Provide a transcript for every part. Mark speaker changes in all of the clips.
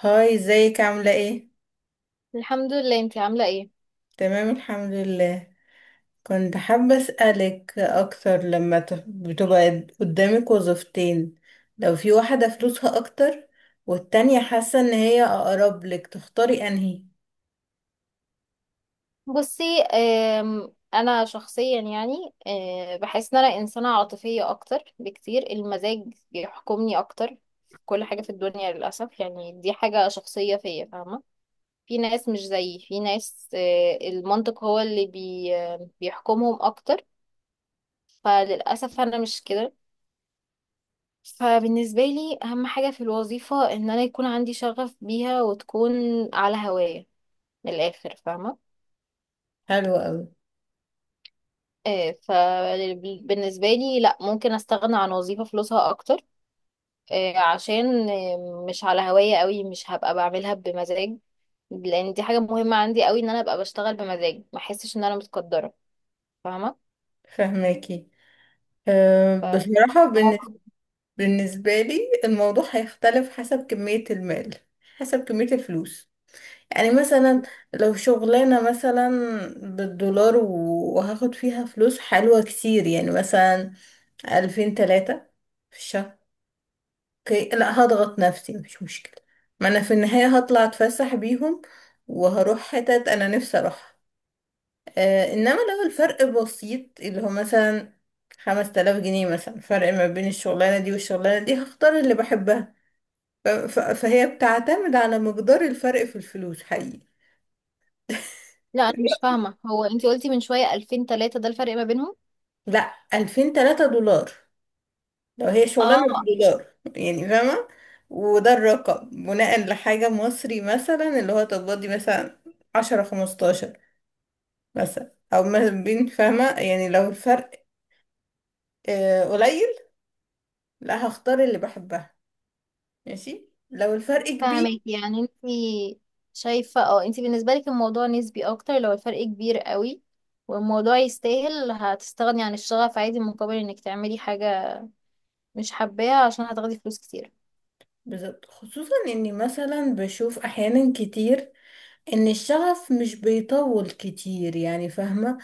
Speaker 1: هاي، ازيك؟ عاملة ايه؟
Speaker 2: الحمد لله. انتي عاملة ايه؟
Speaker 1: تمام، الحمد لله. كنت حابة أسألك أكتر. لما بتبقى قدامك وظيفتين، لو في واحدة فلوسها أكتر والتانية حاسة إن هي أقرب لك، تختاري أنهي؟
Speaker 2: بصي، انا شخصيا، يعني بحس ان انا انسانة عاطفية اكتر بكتير. المزاج بيحكمني اكتر في كل حاجة في الدنيا، للأسف. يعني دي حاجة شخصية فيا، فاهمة؟ في ناس مش زيي، في ناس المنطق هو اللي بي آه، بيحكمهم اكتر. فللأسف انا مش كده. فبالنسبة لي اهم حاجة في الوظيفة ان انا يكون عندي شغف بيها، وتكون على هواية، من الآخر، فاهمة؟
Speaker 1: حلو أوي.
Speaker 2: فبالنسبة لي لا، ممكن استغنى عن وظيفة فلوسها اكتر، عشان مش على هواية قوي، مش هبقى بعملها بمزاج، لان دي حاجة مهمة عندي قوي، ان انا ابقى بشتغل بمزاج، ما احسش ان انا متقدرة، فاهمة؟
Speaker 1: فهماكي. أه، بصراحة
Speaker 2: فموقف،
Speaker 1: بالنسبة لي الموضوع هيختلف حسب كمية المال، حسب كمية الفلوس. يعني مثلا لو شغلانة مثلا بالدولار وهاخد فيها فلوس حلوة كتير، يعني مثلا ألفين تلاتة في الشهر، اوكي، لا هضغط نفسي، مش مشكلة. ما أنا في النهاية هطلع أتفسح بيهم، وهروح حتت أنا نفسي أروحها. آه، إنما لو الفرق بسيط، اللي هو مثلا خمس تلاف جنيه مثلا فرق ما بين الشغلانة دي والشغلانة دي، هختار اللي بحبها. فهي بتعتمد على مقدار الفرق في الفلوس حقيقي.
Speaker 2: لا انا مش فاهمة. هو انتي قلتي من شوية 2000 3 ده الفرق ما بينهم؟
Speaker 1: لا، 2000 3 دولار. لو هي شغلانة
Speaker 2: اه.
Speaker 1: بدولار يعني، فاهمة. وده الرقم بناء لحاجة مصري، مثلا اللي هو تقبضي مثلا عشرة خمستاشر مثلا، أو ما بين، فاهمة؟ يعني لو الفرق قليل، لا هختار اللي بحبها. ماشي، لو الفرق كبير.
Speaker 2: فاهمك، يعني انتي شايفة، اه، انتي بالنسبة لك الموضوع نسبي اكتر، لو الفرق كبير قوي والموضوع يستاهل هتستغني عن الشغف عادي، مقابل انك تعملي حاجة مش حباها عشان هتاخدي فلوس كتير.
Speaker 1: بالظبط، خصوصا اني مثلا بشوف احيانا كتير ان الشغف مش بيطول كتير، يعني فاهمة.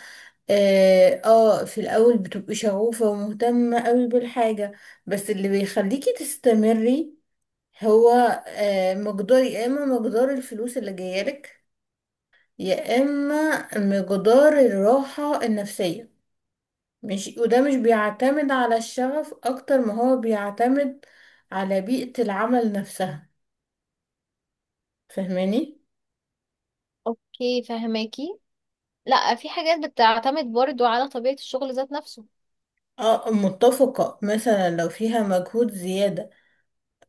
Speaker 1: اه، في الاول بتبقي شغوفة ومهتمة قوي بالحاجة، بس اللي بيخليكي تستمري هو مقدار، يا اما مقدار الفلوس اللي جايلك، يا اما مقدار الراحة النفسية. مش وده مش بيعتمد على الشغف اكتر ما هو بيعتمد على بيئة العمل نفسها، فاهماني؟
Speaker 2: اوكي فهماكي. لا، في حاجات بتعتمد برضو على طبيعة الشغل ذات نفسه.
Speaker 1: اه، متفقة. مثلا لو فيها مجهود زيادة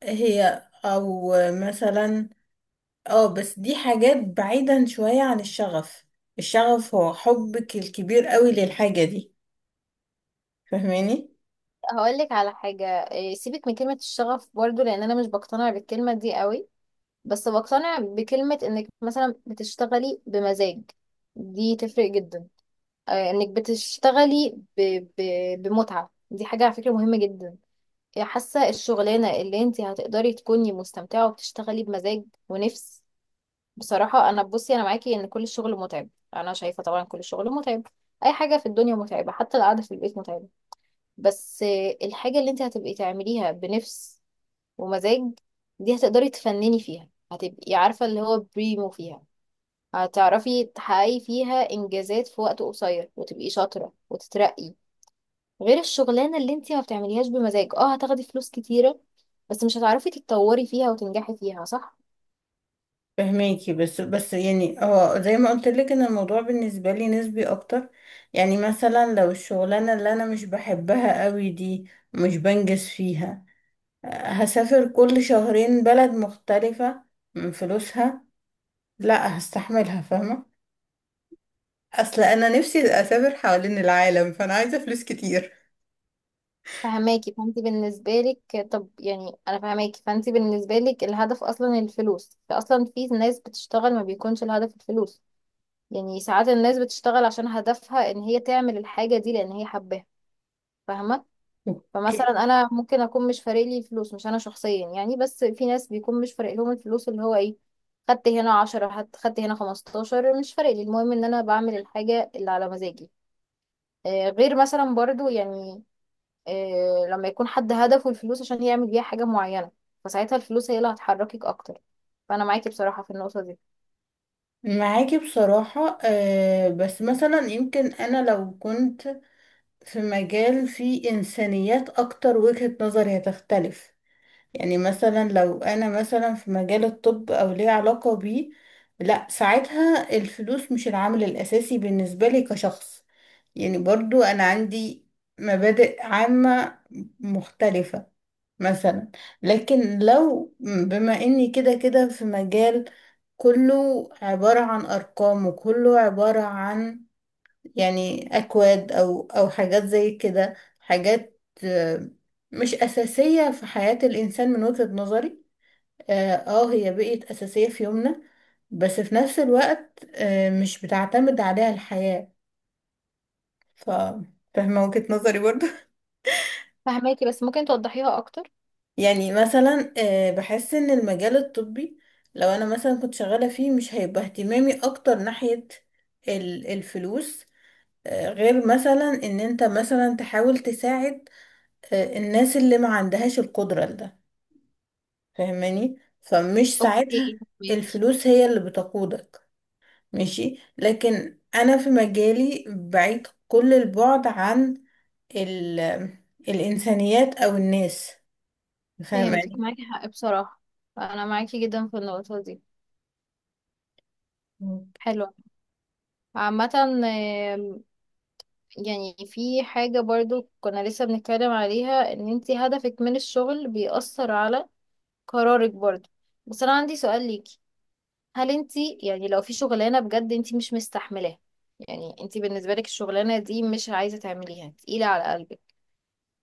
Speaker 1: هي او مثلا، اه، بس دي حاجات بعيدا شوية عن الشغف. الشغف هو حبك الكبير قوي للحاجة دي، فهماني؟
Speaker 2: هقولك على حاجة، سيبك من كلمة الشغف برضو، لان انا مش بقتنع بالكلمة دي قوي، بس بقتنع بكلمة انك مثلا بتشتغلي بمزاج. دي تفرق جدا. انك بتشتغلي ب... بمتعة، دي حاجة على فكرة مهمة جدا. حاسة الشغلانة اللي انت هتقدري تكوني مستمتعة وبتشتغلي بمزاج ونفس، بصراحة. أنا، بصي، أنا معاكي إن كل الشغل متعب. أنا شايفة طبعا كل الشغل متعب، أي حاجة في الدنيا متعبة، حتى القعدة في البيت متعبة، بس الحاجة اللي أنت هتبقي تعمليها بنفس ومزاج، دي هتقدري تفنني فيها، هتبقي عارفة اللي هو بريمو فيها، هتعرفي تحققي فيها إنجازات في وقت قصير، وتبقي شاطرة وتترقي، غير الشغلانة اللي أنت ما بتعمليهاش بمزاج، اه هتاخدي فلوس كتيرة بس مش هتعرفي تتطوري فيها وتنجحي فيها، صح؟
Speaker 1: فهماكي. بس بس يعني اه، زي ما قلت لك ان الموضوع بالنسبة لي نسبي اكتر. يعني مثلا لو الشغلانة اللي انا مش بحبها قوي دي مش بنجز فيها، هسافر كل شهرين بلد مختلفة من فلوسها، لا هستحملها، فاهمة. اصل انا نفسي اسافر حوالين العالم، فانا عايزه فلوس كتير.
Speaker 2: فهماكي. فانت بالنسبة لك طب يعني، انا فهماكي. فانت بالنسبة لك الهدف اصلا الفلوس، فاصلا في ناس بتشتغل ما بيكونش الهدف الفلوس. يعني ساعات الناس بتشتغل عشان هدفها ان هي تعمل الحاجة دي لان هي حباها، فاهمة؟
Speaker 1: اوكي.
Speaker 2: فمثلا انا ممكن اكون مش فارق لي الفلوس، مش انا شخصيا يعني، بس في ناس بيكون مش فارق لهم الفلوس، اللي هو ايه، خدت هنا عشرة، خدت هنا خمستاشر، مش فارق لي، المهم ان انا بعمل الحاجة اللي على مزاجي. غير مثلا برضو، يعني لما يكون حد هدفه الفلوس عشان يعمل بيها حاجة معينة، فساعتها الفلوس هي اللي هتحركك أكتر. فأنا معاكي بصراحة في النقطة دي.
Speaker 1: معاكي بصراحة. بس مثلا يمكن انا لو كنت في مجال فيه انسانيات اكتر وجهة نظري هتختلف. يعني مثلا لو انا مثلا في مجال الطب او ليه علاقة بيه، لا ساعتها الفلوس مش العامل الاساسي بالنسبة لي كشخص. يعني برضو انا عندي مبادئ عامة مختلفة مثلا. لكن لو بما اني كده كده في مجال كله عبارة عن ارقام، وكله عبارة عن يعني اكواد او حاجات زي كده، حاجات مش اساسية في حياة الانسان من وجهة نظري. اه، هي بقت اساسية في يومنا، بس في نفس الوقت مش بتعتمد عليها الحياة. ف فاهمة وجهة نظري برضو؟
Speaker 2: فهماكي، بس ممكن توضحيها أكتر؟
Speaker 1: يعني مثلا بحس ان المجال الطبي لو انا مثلا كنت شغالة فيه مش هيبقى اهتمامي اكتر ناحية الفلوس. غير مثلا ان انت مثلا تحاول تساعد الناس اللي ما عندهاش القدرة لده، فاهماني؟ فمش ساعتها
Speaker 2: أوكي فهماكي.
Speaker 1: الفلوس هي اللي بتقودك. ماشي، لكن انا في مجالي بعيد كل البعد عن ال- الانسانيات او الناس،
Speaker 2: فهمتك،
Speaker 1: فاهماني؟
Speaker 2: معاكي حق بصراحة، فأنا معاكي جدا في النقطة دي. حلو. عامة، يعني في حاجة برضو كنا لسه بنتكلم عليها، إن انتي هدفك من الشغل بيأثر على قرارك برضو. بس أنا عندي سؤال ليكي، هل انت، يعني، لو في شغلانة بجد انت مش مستحملاها، يعني انت بالنسبة لك الشغلانة دي مش عايزة تعمليها، تقيلة على قلبك،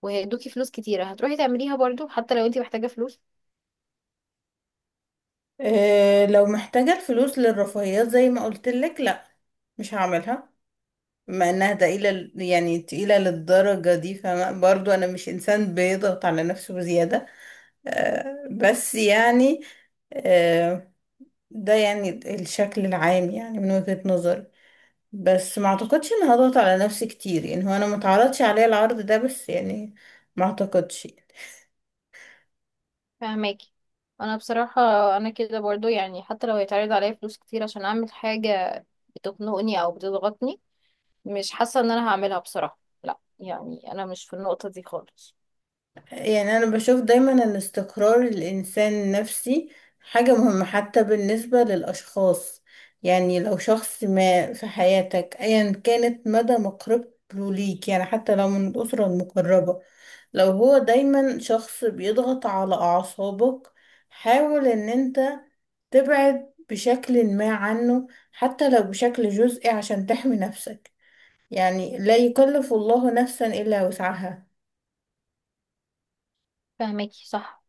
Speaker 2: وهيدوكي فلوس كتيرة، هتروحي تعمليها برضو حتى لو انت محتاجة فلوس؟
Speaker 1: إيه، لو محتاجة الفلوس للرفاهيات زي ما قلت لك، لا مش هعملها. بما انها تقيلة، يعني تقيلة للدرجة دي، فبرضو انا مش انسان بيضغط على نفسه بزيادة. آه، بس يعني، آه، ده يعني الشكل العام يعني من وجهة نظري. بس ما اعتقدش ان هضغط على نفسي كتير، يعني هو انا ما اتعرضش عليا العرض ده، بس يعني ما اعتقدش.
Speaker 2: فهماكي. انا بصراحة انا كده برضو، يعني حتى لو هيتعرض عليا فلوس كتير عشان اعمل حاجة بتخنقني او بتضغطني، مش حاسة ان انا هعملها بصراحة. لا، يعني انا مش في النقطة دي خالص.
Speaker 1: يعني أنا بشوف دايما إن استقرار الإنسان النفسي حاجة مهمة، حتى بالنسبة للأشخاص. يعني لو شخص ما في حياتك أيا كانت مدى مقربته ليك، يعني حتى لو من الأسرة المقربة، لو هو دايما شخص بيضغط على أعصابك، حاول إن أنت تبعد بشكل ما عنه، حتى لو بشكل جزئي، عشان تحمي نفسك. يعني لا يكلف الله نفسا إلا وسعها.
Speaker 2: فهماكي، صح.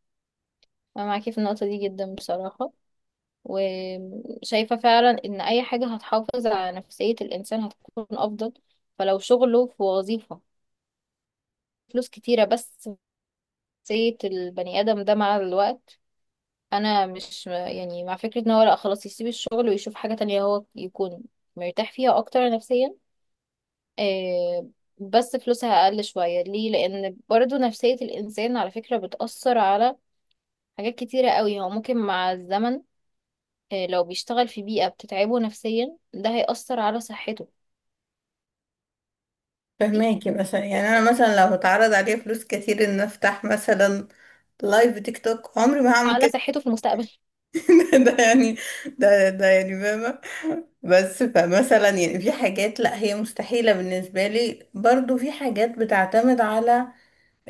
Speaker 2: انا معاكي في النقطة دي جدا بصراحة، وشايفة فعلا إن أي حاجة هتحافظ على نفسية الإنسان هتكون أفضل. فلو شغله في وظيفة فلوس كتيرة بس نفسية البني آدم ده مع الوقت، أنا مش يعني مع فكرة إن هو لأ خلاص يسيب الشغل ويشوف حاجة تانية هو يكون مرتاح فيها أكتر نفسيا، آه، بس فلوسها أقل شوية، ليه؟ لأن برضو نفسية الإنسان على فكرة بتأثر على حاجات كتيرة قوي. هو ممكن مع الزمن، لو بيشتغل في بيئة بتتعبه نفسيا، ده هيأثر على صحته،
Speaker 1: فهماكي، مثلا يعني انا مثلا لو اتعرض عليا فلوس كتير ان افتح مثلا لايف تيك توك، عمري ما هعمل
Speaker 2: على
Speaker 1: كده.
Speaker 2: صحته في المستقبل.
Speaker 1: ده يعني، ده يعني فاهمة. بس فمثلا يعني في حاجات لا هي مستحيلة بالنسبة لي. برضو في حاجات بتعتمد على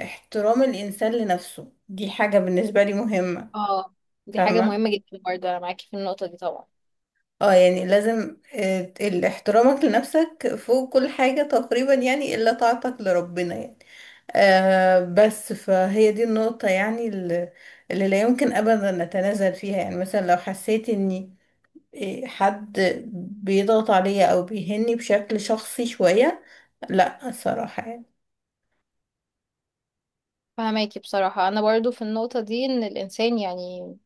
Speaker 1: احترام الانسان لنفسه، دي حاجة بالنسبة لي مهمة.
Speaker 2: اه، دي حاجة
Speaker 1: فاهمة.
Speaker 2: مهمة جدا برضه، أنا معاكي في النقطة دي طبعا.
Speaker 1: اه، يعني لازم احترامك لنفسك فوق كل حاجة تقريبا، يعني الا طاعتك لربنا يعني. بس فهي دي النقطة يعني اللي لا يمكن أبدا أتنازل فيها. يعني مثلا لو حسيت إني حد بيضغط عليا أو بيهني بشكل شخصي شوية، لا، الصراحة يعني.
Speaker 2: فهماكي. بصراحة أنا برضه في النقطة دي إن الإنسان، يعني،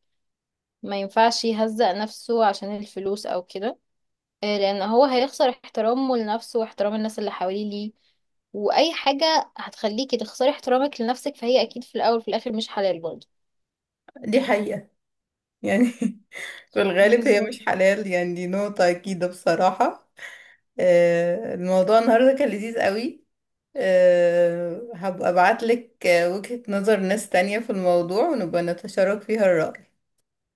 Speaker 2: ما ينفعش يهزق نفسه عشان الفلوس أو كده، لأن هو هيخسر احترامه لنفسه واحترام الناس اللي حواليه ليه. وأي حاجة هتخليكي تخسري احترامك لنفسك فهي أكيد في الأول وفي الآخر مش حلال برضه.
Speaker 1: دي حقيقة يعني. في الغالب هي
Speaker 2: بالظبط.
Speaker 1: مش حلال يعني، دي نقطة أكيدة بصراحة. آه، الموضوع النهاردة كان لذيذ قوي. آه، هبقى أبعتلك وجهة نظر ناس تانية في الموضوع ونبقى نتشارك فيها الرأي.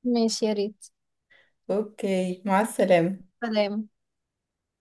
Speaker 2: ماشي، يا ريت.
Speaker 1: أوكي، مع السلامة.
Speaker 2: سلام.